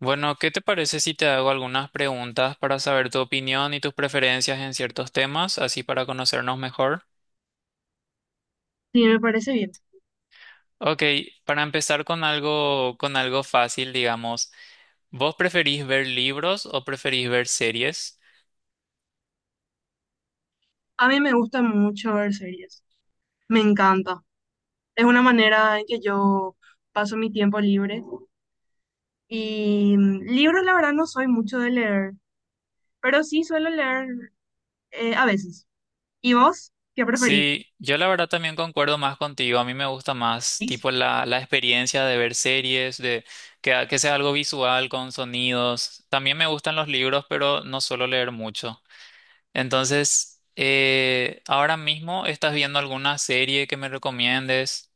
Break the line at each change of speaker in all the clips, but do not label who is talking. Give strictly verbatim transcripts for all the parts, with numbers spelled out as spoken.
Bueno, ¿qué te parece si te hago algunas preguntas para saber tu opinión y tus preferencias en ciertos temas, así para conocernos mejor?
Sí, me parece bien.
Ok, para empezar con algo, con algo fácil, digamos, ¿vos preferís ver libros o preferís ver series?
A mí me gusta mucho ver series. Me encanta. Es una manera en que yo paso mi tiempo libre. Y mm, libros, la verdad, no soy mucho de leer, pero sí suelo leer eh, a veces. ¿Y vos? ¿Qué preferís?
Sí, yo la verdad también concuerdo más contigo, a mí me gusta más tipo la, la experiencia de ver series, de que, que sea algo visual, con sonidos. También me gustan los libros, pero no suelo leer mucho. Entonces, eh, ahora mismo estás viendo alguna serie que me recomiendes.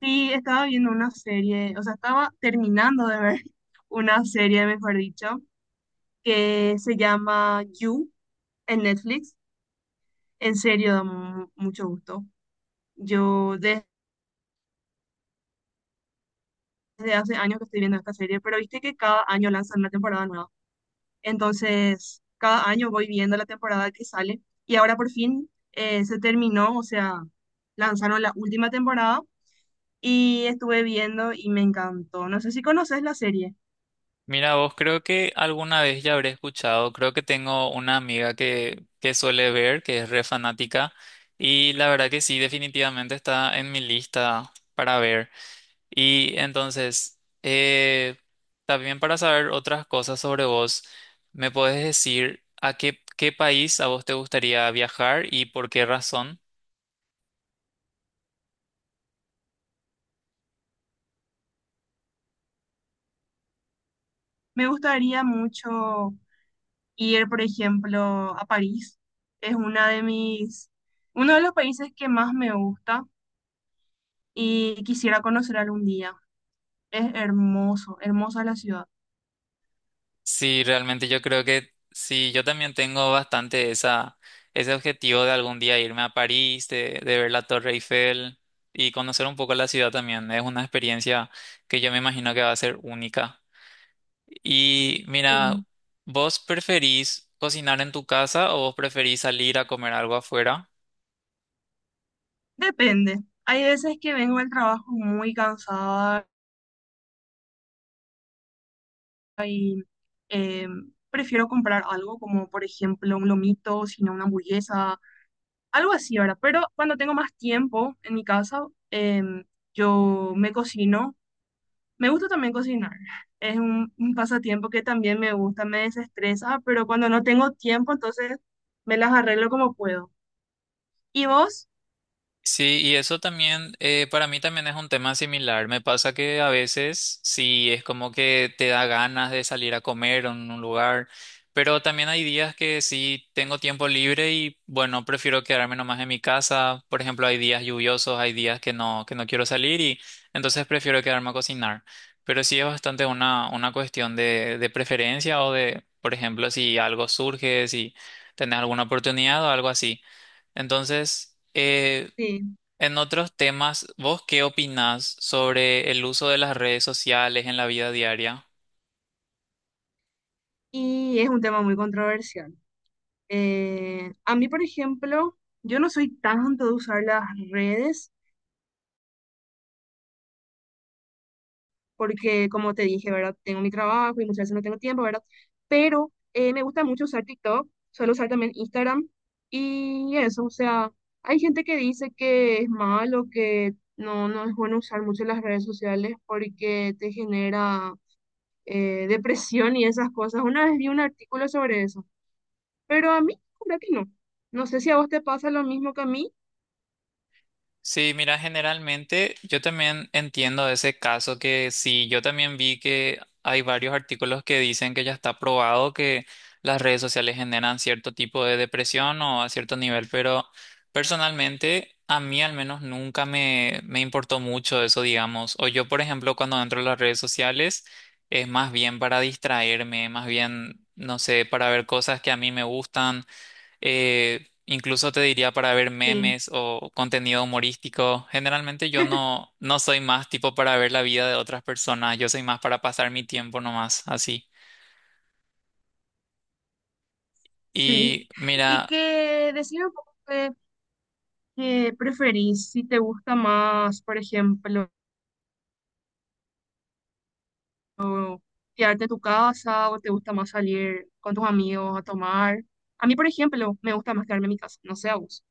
Sí, estaba viendo una serie, o sea, estaba terminando de ver una serie, mejor dicho, que se llama You en Netflix. En serio, da mu- mucho gusto. Yo desde hace años que estoy viendo esta serie, pero viste que cada año lanzan una temporada nueva. Entonces, cada año voy viendo la temporada que sale y ahora por fin eh, se terminó, o sea, lanzaron la última temporada y estuve viendo y me encantó. No sé si conoces la serie.
Mira, vos creo que alguna vez ya habré escuchado, creo que tengo una amiga que, que suele ver, que es re fanática, y la verdad que sí, definitivamente está en mi lista para ver. Y entonces, eh, también para saber otras cosas sobre vos, ¿me puedes decir a qué, qué país a vos te gustaría viajar y por qué razón?
Me gustaría mucho ir, por ejemplo, a París. Es una de mis, uno de los países que más me gusta y quisiera conocer algún día. Es hermoso, hermosa la ciudad.
Sí, realmente yo creo que sí, yo también tengo bastante esa, ese objetivo de algún día irme a París, de, de ver la Torre Eiffel y conocer un poco la ciudad también. Es una experiencia que yo me imagino que va a ser única. Y mira,
Sí.
¿vos preferís cocinar en tu casa o vos preferís salir a comer algo afuera?
Depende. Hay veces que vengo del trabajo muy cansada. eh, Prefiero comprar algo como, por ejemplo, un lomito, sino una hamburguesa, algo así, ¿verdad? Pero cuando tengo más tiempo en mi casa, eh, yo me cocino. Me gusta también cocinar. Es un, un pasatiempo que también me gusta, me desestresa, pero cuando no tengo tiempo, entonces me las arreglo como puedo. ¿Y vos?
Sí, y eso también, eh, para mí también es un tema similar. Me pasa que a veces sí es como que te da ganas de salir a comer en un lugar, pero también hay días que sí tengo tiempo libre y bueno, prefiero quedarme nomás en mi casa. Por ejemplo, hay días lluviosos, hay días que no, que no quiero salir y entonces prefiero quedarme a cocinar. Pero sí es bastante una, una cuestión de, de preferencia o de, por ejemplo, si algo surge, si tenés alguna oportunidad o algo así. Entonces, eh,
Sí.
en otros temas, ¿vos qué opinás sobre el uso de las redes sociales en la vida diaria?
Y es un tema muy controversial. Eh, a mí, por ejemplo, yo no soy tanto de usar las redes porque, como te dije, ¿verdad? Tengo mi trabajo y muchas veces no tengo tiempo, ¿verdad? Pero eh, me gusta mucho usar TikTok, suelo usar también Instagram y eso, o sea, hay gente que dice que es malo, que no, no es bueno usar mucho las redes sociales porque te genera eh, depresión y esas cosas. Una vez vi un artículo sobre eso, pero a mí, creo que no. No sé si a vos te pasa lo mismo que a mí.
Sí, mira, generalmente yo también entiendo ese caso que sí, yo también vi que hay varios artículos que dicen que ya está probado que las redes sociales generan cierto tipo de depresión o a cierto nivel, pero personalmente a mí al menos nunca me, me importó mucho eso, digamos. O yo, por ejemplo, cuando entro a las redes sociales es más bien para distraerme, más bien, no sé, para ver cosas que a mí me gustan eh, incluso te diría para ver
Sí.
memes o contenido humorístico. Generalmente yo no, no soy más tipo para ver la vida de otras personas, yo soy más para pasar mi tiempo nomás, así.
Sí,
Y
y
mira,
que decime un poco qué, qué preferís, si te gusta más, por ejemplo, quedarte en tu casa o te gusta más salir con tus amigos a tomar. A mí, por ejemplo, me gusta más quedarme en mi casa, no sé a vos.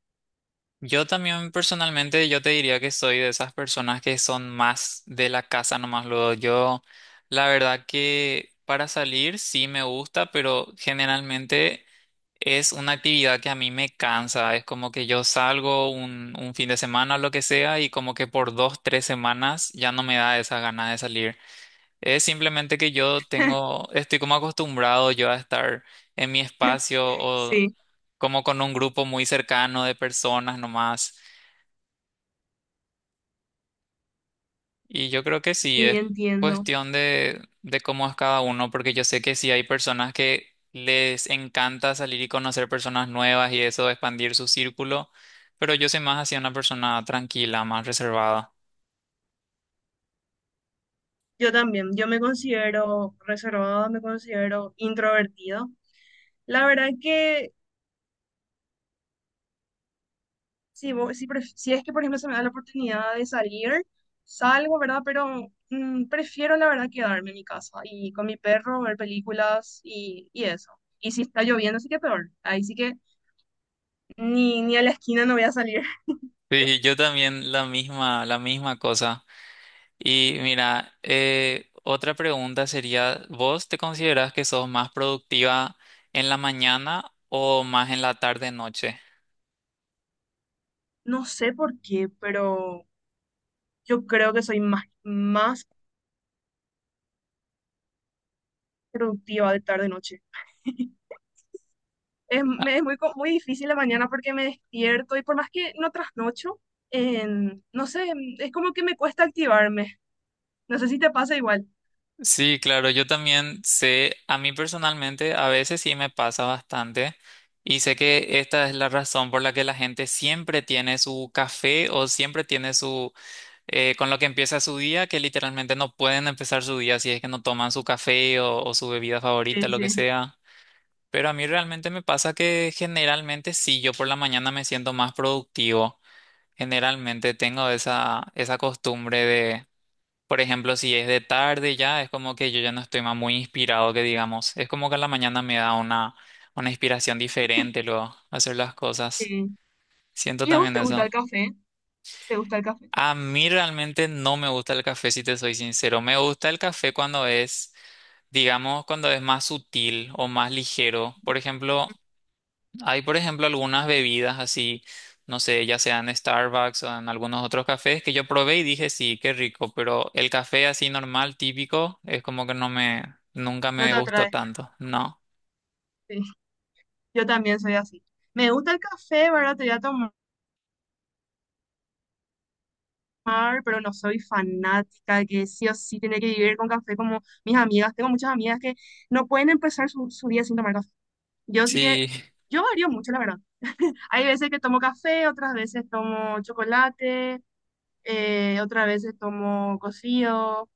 yo también personalmente yo te diría que soy de esas personas que son más de la casa nomás luego. Yo, la verdad que para salir sí me gusta, pero generalmente es una actividad que a mí me cansa, es como que yo salgo un, un fin de semana o lo que sea y como que por dos, tres semanas ya no me da esa gana de salir. Es simplemente que yo tengo, estoy como acostumbrado yo a estar en mi espacio o
Sí,
como con un grupo muy cercano de personas nomás. Y yo creo que sí,
sí,
es
entiendo.
cuestión de, de cómo es cada uno, porque yo sé que sí hay personas que les encanta salir y conocer personas nuevas y eso, expandir su círculo, pero yo soy más hacia una persona tranquila, más reservada.
Yo también, yo me considero reservada, me considero introvertida. La verdad que si, vo- si, pref- si es que, por ejemplo, se me da la oportunidad de salir, salgo, ¿verdad? Pero mm, prefiero, la verdad, quedarme en mi casa y con mi perro, ver películas y, y eso. Y si está lloviendo, sí que peor. Ahí sí que ni, ni a la esquina no voy a salir.
Sí, yo también la misma, la misma cosa. Y mira, eh, otra pregunta sería, ¿vos te considerás que sos más productiva en la mañana o más en la tarde-noche?
No sé por qué, pero yo creo que soy más, más productiva de tarde-noche. Es, me es muy, co- muy difícil la mañana porque me despierto y por más que no trasnocho, en, no sé, es como que me cuesta activarme. No sé si te pasa igual.
Sí, claro, yo también sé, a mí personalmente a veces sí me pasa bastante y sé que esta es la razón por la que la gente siempre tiene su café o siempre tiene su, eh, con lo que empieza su día, que literalmente no pueden empezar su día si es que no toman su café o, o su bebida
Sí,
favorita, lo que
sí.
sea. Pero a mí realmente me pasa que generalmente sí, yo por la mañana me siento más productivo. Generalmente tengo esa, esa costumbre por ejemplo, si es de tarde ya, es como que yo ya no estoy más muy inspirado, que digamos. Es como que en la mañana me da una, una inspiración diferente luego hacer las cosas.
Sí.
Siento
¿Y a vos
también
te gusta el
eso.
café? ¿Te gusta el café?
A mí realmente no me gusta el café, si te soy sincero. Me gusta el café cuando es, digamos, cuando es más sutil o más ligero. Por ejemplo, hay, por ejemplo, algunas bebidas así, no sé, ya sea en Starbucks o en algunos otros cafés que yo probé y dije, sí, qué rico, pero el café así normal, típico, es como que no me, nunca
No
me
te
gustó
atrae.
tanto, ¿no?
Sí, yo también soy así. Me gusta el café, ¿verdad? Te voy a tomar, pero no soy fanática que sí o sí tiene que vivir con café como mis amigas. Tengo muchas amigas que no pueden empezar su, su día sin tomar café. Yo sí que,
Sí,
yo varío mucho, la verdad. Hay veces que tomo café, otras veces tomo chocolate, eh, otras veces tomo cocido.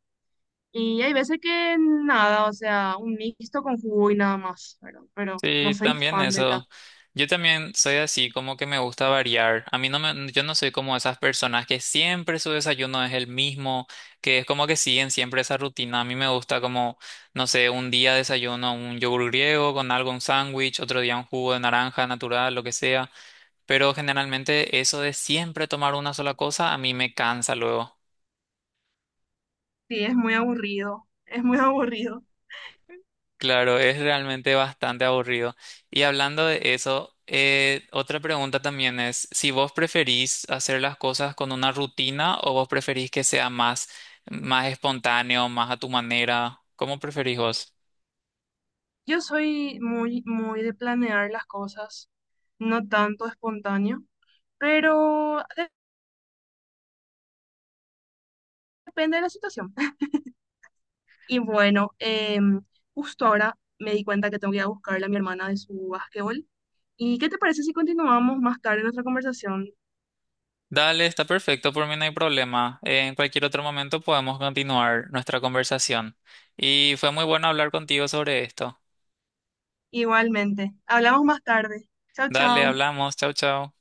Y hay veces que nada, o sea, un mixto con jugo y nada más, ¿verdad? Pero no
sí,
soy
también
fan del
eso.
café.
Yo también soy así, como que me gusta variar. A mí no me, yo no soy como esas personas que siempre su desayuno es el mismo, que es como que siguen siempre esa rutina. A mí me gusta como, no sé, un día desayuno un yogur griego con algo, un sándwich, otro día un jugo de naranja natural, lo que sea. Pero generalmente eso de siempre tomar una sola cosa, a mí me cansa luego.
Sí, es muy aburrido, es muy aburrido.
Claro, es realmente bastante aburrido. Y hablando de eso, eh, otra pregunta también es si vos preferís hacer las cosas con una rutina o vos preferís que sea más, más espontáneo, más a tu manera. ¿Cómo preferís vos?
Yo soy muy, muy de planear las cosas, no tanto espontáneo, pero de- depende de la situación. Y bueno, em, justo ahora me di cuenta que tengo que ir a buscarle a mi hermana de su básquetbol. ¿Y qué te parece si continuamos más tarde nuestra conversación?
Dale, está perfecto, por mí no hay problema. En cualquier otro momento podemos continuar nuestra conversación. Y fue muy bueno hablar contigo sobre esto.
Igualmente, hablamos más tarde. Chao,
Dale,
chao.
hablamos. Chau, chau.